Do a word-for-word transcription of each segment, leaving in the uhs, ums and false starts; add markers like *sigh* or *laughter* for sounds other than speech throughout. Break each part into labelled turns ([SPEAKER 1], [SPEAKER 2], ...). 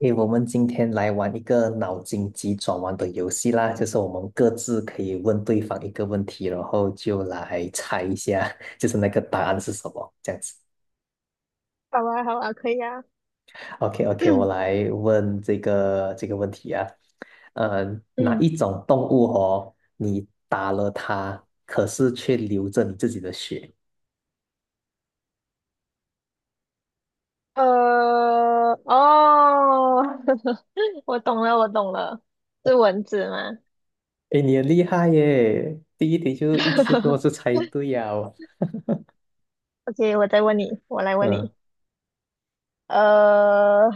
[SPEAKER 1] 诶，我们今天来玩一个脑筋急转弯的游戏啦，就是我们各自可以问对方一个问题，然后就来猜一下，*laughs* 就是那个答案是什么，这样子。
[SPEAKER 2] 好啊，好啊，可以啊。
[SPEAKER 1] OK OK，我
[SPEAKER 2] *clears throat*
[SPEAKER 1] 来问这个这个问题啊，呃，哪
[SPEAKER 2] 嗯，
[SPEAKER 1] 一种动物哦，你打了它，可是却流着你自己的血？
[SPEAKER 2] 呃，哦，*laughs* 我懂了，我懂了，是蚊子吗
[SPEAKER 1] 诶，你很厉害耶，第一题就一次给我
[SPEAKER 2] *laughs*
[SPEAKER 1] 就猜对呀。
[SPEAKER 2] ？OK，我再问你，我来问
[SPEAKER 1] 嗯，
[SPEAKER 2] 你。呃，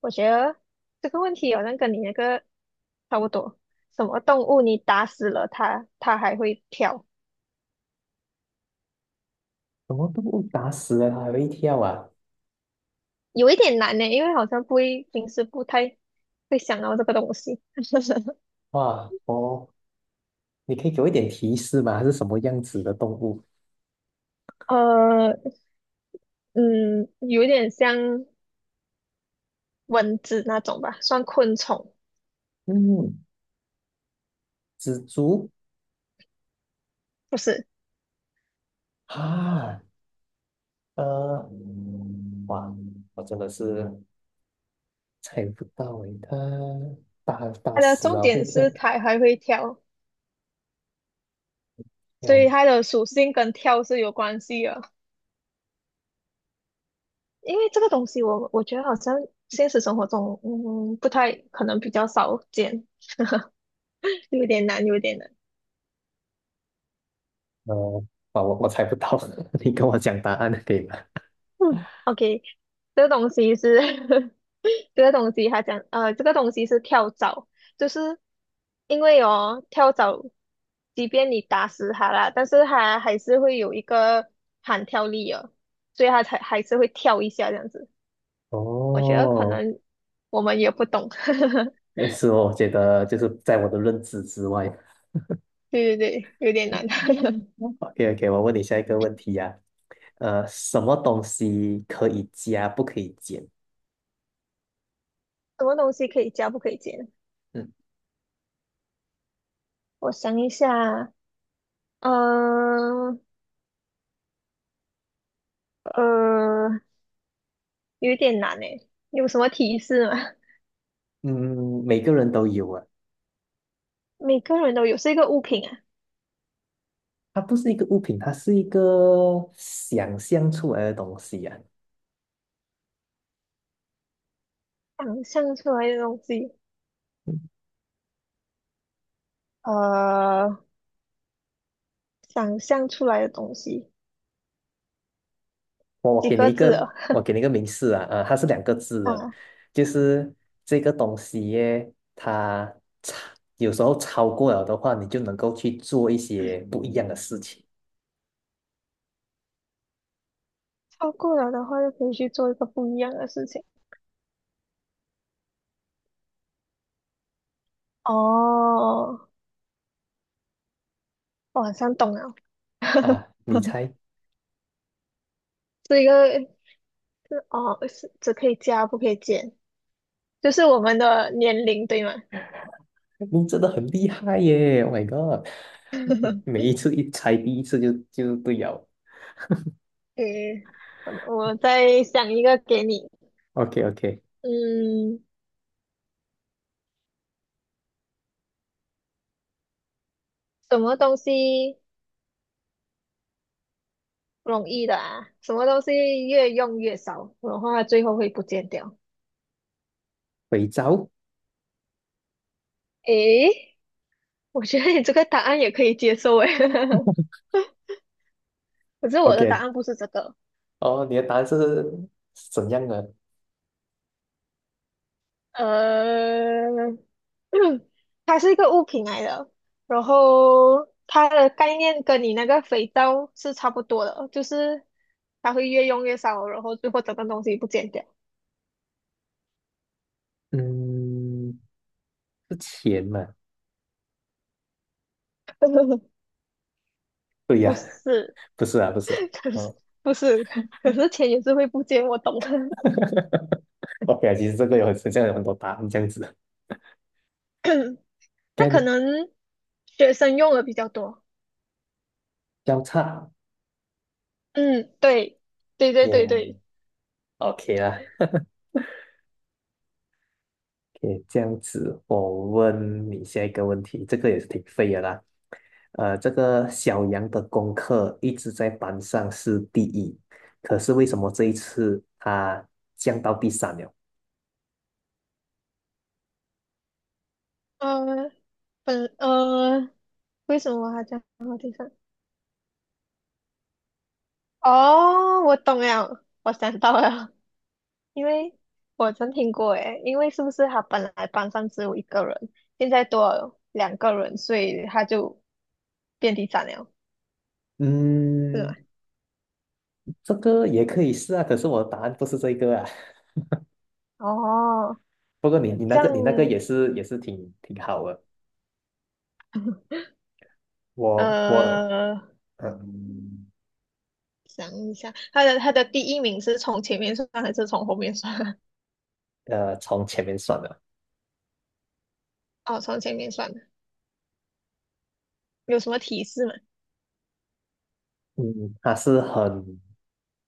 [SPEAKER 2] 我觉得这个问题好像跟你那个差不多。什么动物你打死了它，它还会跳？
[SPEAKER 1] 什么动物打死了它还会跳啊？
[SPEAKER 2] 有一点难呢，因为好像不会，平时不太会想到这个东西。*laughs*
[SPEAKER 1] 哇，哦。你可以给我一点提示吗？它是什么样子的动物？
[SPEAKER 2] 呃，嗯，有一点像蚊子那种吧，算昆虫。
[SPEAKER 1] 嗯，蜘蛛
[SPEAKER 2] 不是，
[SPEAKER 1] 啊。呃，哇，我真的是猜不到诶，它大大
[SPEAKER 2] 它的
[SPEAKER 1] 师
[SPEAKER 2] 重
[SPEAKER 1] 啊，会
[SPEAKER 2] 点
[SPEAKER 1] 跳，
[SPEAKER 2] 是它还会跳，所以
[SPEAKER 1] 跳。
[SPEAKER 2] 它的属性跟跳是有关系的。因为这个东西我，我觉得好像现实生活中，嗯，不太可能比较少见，*laughs* 有点难，有点难。
[SPEAKER 1] 呃，啊，我我猜不到，*laughs* 你跟我讲答案可以吗？
[SPEAKER 2] 嗯，OK，这个东西是 *laughs* 这个东西，它讲呃，这个东西是跳蚤，就是因为哦，跳蚤，即便你打死它啦，但是它还是会有一个弹跳力哦，所以它才还是会跳一下这样子。我觉得可
[SPEAKER 1] 哦。
[SPEAKER 2] 能我们也不懂，
[SPEAKER 1] 呃是哦，我觉得就是在我的认知之外。
[SPEAKER 2] *laughs* 对对对，有点难。*laughs* 什
[SPEAKER 1] OK OK，我问你下一个问题呀、呃，什么东西可以加不可以减？
[SPEAKER 2] 么东西可以加不可以减？
[SPEAKER 1] 嗯
[SPEAKER 2] 我想一下，嗯呃，呃有点难诶，有什么提示吗？
[SPEAKER 1] 嗯，每个人都有啊。
[SPEAKER 2] *laughs* 每个人都有，是一个物品啊，
[SPEAKER 1] 它不是一个物品，它是一个想象出来的东西啊。
[SPEAKER 2] 想象出来的东西，呃，想象出来的东西，
[SPEAKER 1] 我
[SPEAKER 2] 几
[SPEAKER 1] 给你
[SPEAKER 2] 个
[SPEAKER 1] 一
[SPEAKER 2] 字
[SPEAKER 1] 个，
[SPEAKER 2] 啊？
[SPEAKER 1] 我给你一个明示啊，啊，它是两个字的。
[SPEAKER 2] 啊，
[SPEAKER 1] 就是这个东西耶，它超有时候超过了的话，你就能够去做一些不一样的事情
[SPEAKER 2] 超过了的话就可以去做一个不一样的事情。哦，我好像懂了，
[SPEAKER 1] 啊。你
[SPEAKER 2] *laughs*
[SPEAKER 1] 猜。
[SPEAKER 2] 是一个。哦，是只可以加不可以减，就是我们的年龄对吗？
[SPEAKER 1] 你真的很厉害耶！Oh my god，*laughs* 每
[SPEAKER 2] *laughs*
[SPEAKER 1] 一次一猜第一次就就对了。
[SPEAKER 2] 诶，我我再想一个给你，
[SPEAKER 1] OK OK。
[SPEAKER 2] 嗯，什么东西容易的啊？什么东西越用越少，的话最后会不见掉？
[SPEAKER 1] 肥皂。
[SPEAKER 2] 诶，我觉得你这个答案也可以接受诶，*laughs* 可是我的答
[SPEAKER 1] OK，
[SPEAKER 2] 案不是这个，
[SPEAKER 1] 哦，你的答案是是怎样的？
[SPEAKER 2] 呃，嗯它是一个物品来的，然后它的概念跟你那个肥皂是差不多的，就是它会越用越少，然后最后整个东西不见掉。
[SPEAKER 1] 嗯，是钱嘛？
[SPEAKER 2] *laughs*
[SPEAKER 1] 对呀、
[SPEAKER 2] 不是，
[SPEAKER 1] *laughs* 不是啊，不是啊。
[SPEAKER 2] 可是
[SPEAKER 1] 哦
[SPEAKER 2] 不是，可是钱也是会不见，我懂。*coughs*
[SPEAKER 1] *laughs*，OK 啊，其实这个有很像有很多答案这样子。
[SPEAKER 2] *clears throat* 那
[SPEAKER 1] 该
[SPEAKER 2] 可
[SPEAKER 1] 你
[SPEAKER 2] 能学生用的比较多。
[SPEAKER 1] 交叉
[SPEAKER 2] 嗯，对，对对对
[SPEAKER 1] 耶
[SPEAKER 2] 对，
[SPEAKER 1] ，OK 啦，OK 这样子。我问你下一个问题，这个也是挺废的啦。呃，这个小杨的功课一直在班上是第一，可是为什么这一次他降到第三了？
[SPEAKER 2] 呃，本呃，为什么我还讲到地上？哦，我懂了，我想到了，因为我曾听过诶，因为是不是他本来班上只有一个人，现在多了两个人，所以他就遍地斩了，是
[SPEAKER 1] 嗯，
[SPEAKER 2] 吗？
[SPEAKER 1] 这个也可以是啊，可是我的答案不是这个啊。*laughs*
[SPEAKER 2] 哦，
[SPEAKER 1] 不过你你那
[SPEAKER 2] 这
[SPEAKER 1] 个
[SPEAKER 2] 样，
[SPEAKER 1] 你那个也是也是挺挺好的。我我
[SPEAKER 2] 呃，
[SPEAKER 1] 嗯
[SPEAKER 2] 想一下，他的他的第一名是从前面算还是从后面算啊
[SPEAKER 1] 呃，从前面算的。
[SPEAKER 2] *laughs* 哦，从前面算的，有什么提示吗？
[SPEAKER 1] 嗯，他是很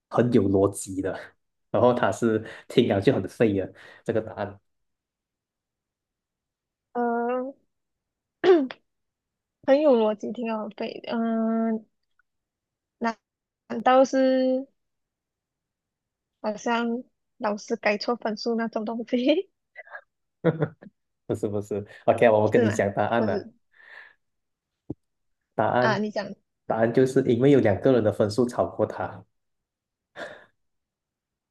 [SPEAKER 1] 很有逻辑的，*laughs* 然后他是听了就很废的这个答案。
[SPEAKER 2] 呃，*clears throat* 很有逻辑，挺好背的。嗯、呃难难道是好像老师改错分数那种东西
[SPEAKER 1] *laughs* 不是不是，OK，我
[SPEAKER 2] *laughs*
[SPEAKER 1] 跟
[SPEAKER 2] 是
[SPEAKER 1] 你
[SPEAKER 2] 吗？
[SPEAKER 1] 讲答案
[SPEAKER 2] 不
[SPEAKER 1] 了。
[SPEAKER 2] 是
[SPEAKER 1] 答
[SPEAKER 2] 啊，
[SPEAKER 1] 案
[SPEAKER 2] 你讲
[SPEAKER 1] 答案就是因为有两个人的分数超过他。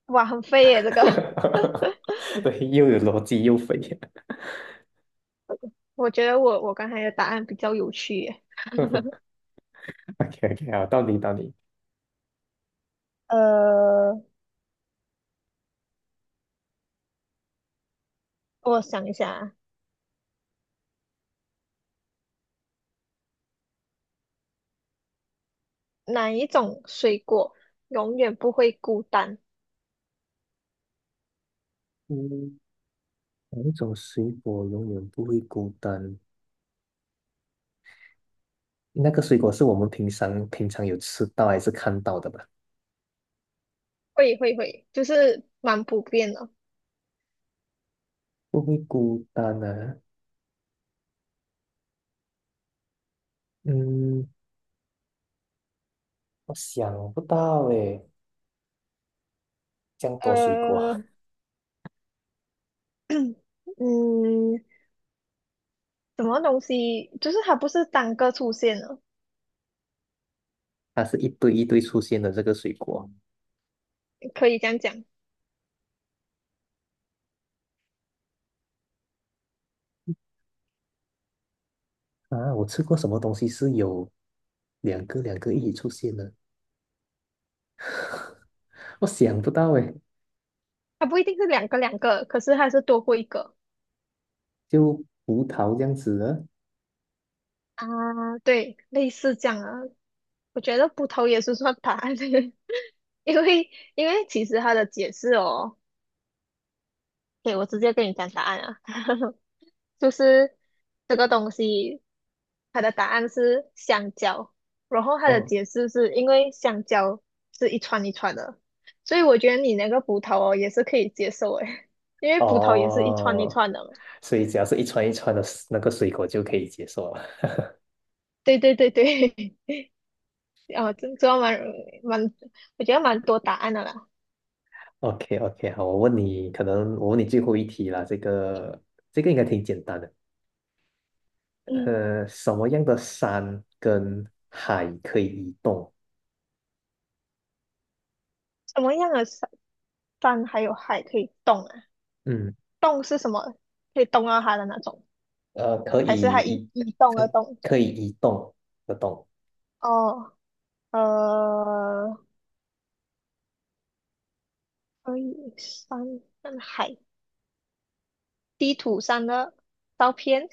[SPEAKER 2] 哇，很飞耶！这个，*laughs*
[SPEAKER 1] *laughs* 对，又有逻辑又肥。*laughs*
[SPEAKER 2] 我觉得我我刚才的答案比较有趣耶。
[SPEAKER 1] OK OK，好，到你到你。
[SPEAKER 2] 呃，我想一下啊，哪一种水果永远不会孤单？
[SPEAKER 1] 嗯。哪一种水果永远不会孤单？那个水果是我们平常平常有吃到还是看到的吧？
[SPEAKER 2] 会会会，就是蛮普遍的。
[SPEAKER 1] 不会孤单啊？嗯，我想不到诶，这样多水
[SPEAKER 2] 呃，
[SPEAKER 1] 果。
[SPEAKER 2] *coughs* *clears throat* 嗯，什么东西？就是它不是单个出现的，
[SPEAKER 1] *laughs* 它是一堆一堆出现的这个水果
[SPEAKER 2] 可以这样讲，
[SPEAKER 1] 啊。我吃过什么东西是有两个两个一起出现的？我想不到诶，
[SPEAKER 2] 它不一定是两个两个，可是它是多过一个
[SPEAKER 1] 就葡萄这样子的。
[SPEAKER 2] 啊。对，类似这样啊。我觉得葡萄也是算答案，*laughs* 因为因为其实它的解释哦。对，我直接跟你讲答案啊，*laughs* 就是这个东西，它的答案是香蕉，然后它的
[SPEAKER 1] 哦
[SPEAKER 2] 解释是因为香蕉是一串一串的，所以我觉得你那个葡萄哦也是可以接受诶，*laughs* 因为葡萄也是一串一
[SPEAKER 1] 哦，
[SPEAKER 2] 串的嘛。
[SPEAKER 1] 所以只要是一串一串的那个水果就可以接受了。
[SPEAKER 2] 对对对对，*laughs* 啊，这这蛮蛮，我觉得蛮多答案的啦。
[SPEAKER 1] OK OK，好，我问你，可能我问你最后一题啦。这个这个应该挺简单的。
[SPEAKER 2] 嗯，
[SPEAKER 1] 呃，什么样的山跟海可以移动？
[SPEAKER 2] 什么样的山，山还有海可以动啊？
[SPEAKER 1] 嗯，
[SPEAKER 2] 动是什么？可以动到它的那种，
[SPEAKER 1] 呃，可
[SPEAKER 2] 还是
[SPEAKER 1] 以
[SPEAKER 2] 它一
[SPEAKER 1] 移，
[SPEAKER 2] 一动
[SPEAKER 1] 可
[SPEAKER 2] 而
[SPEAKER 1] 以
[SPEAKER 2] 动？
[SPEAKER 1] 可以移动的动。
[SPEAKER 2] 哦。呃，可以山跟海地图上的照片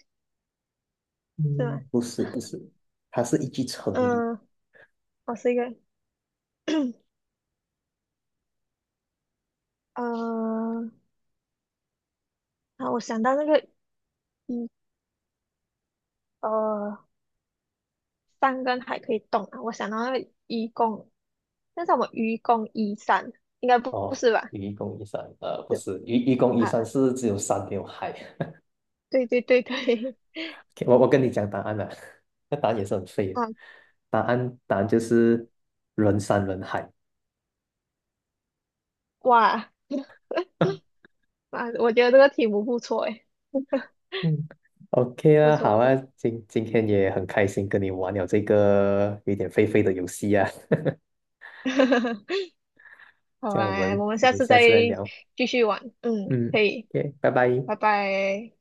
[SPEAKER 2] 是
[SPEAKER 1] 嗯，
[SPEAKER 2] 吗？
[SPEAKER 1] 不是不是，它是一句成语
[SPEAKER 2] 嗯，我是一个，*clears throat* 呃，啊，我想到那个一呃，山跟海可以动啊，我想到那个愚公，但是我们愚公移山，应该不不
[SPEAKER 1] 哦。
[SPEAKER 2] 是吧？
[SPEAKER 1] 愚公移山，呃，不
[SPEAKER 2] 是
[SPEAKER 1] 是愚愚公移山
[SPEAKER 2] 啊，
[SPEAKER 1] 是只有山没有海。
[SPEAKER 2] 对对对对，
[SPEAKER 1] OK，我我跟你讲答案了，*laughs* 那答案也是很废
[SPEAKER 2] *laughs*
[SPEAKER 1] 的。
[SPEAKER 2] 啊，
[SPEAKER 1] 答案答案就是人山人海。
[SPEAKER 2] 哇
[SPEAKER 1] *laughs*
[SPEAKER 2] 啊，我觉得这个题目不错诶，
[SPEAKER 1] 嗯，OK
[SPEAKER 2] 不
[SPEAKER 1] 啦，好
[SPEAKER 2] 错不
[SPEAKER 1] 啊，
[SPEAKER 2] 错，
[SPEAKER 1] 今今天也很开心跟你玩了这个有点废废的游戏啊，
[SPEAKER 2] *laughs*
[SPEAKER 1] *laughs*
[SPEAKER 2] 好
[SPEAKER 1] 这样我
[SPEAKER 2] 啊，
[SPEAKER 1] 们
[SPEAKER 2] 我们
[SPEAKER 1] 我
[SPEAKER 2] 下
[SPEAKER 1] 们
[SPEAKER 2] 次
[SPEAKER 1] 下
[SPEAKER 2] 再
[SPEAKER 1] 次再聊。
[SPEAKER 2] 继续玩，嗯，
[SPEAKER 1] 嗯
[SPEAKER 2] 可以，
[SPEAKER 1] ，OK，拜拜。
[SPEAKER 2] 拜拜。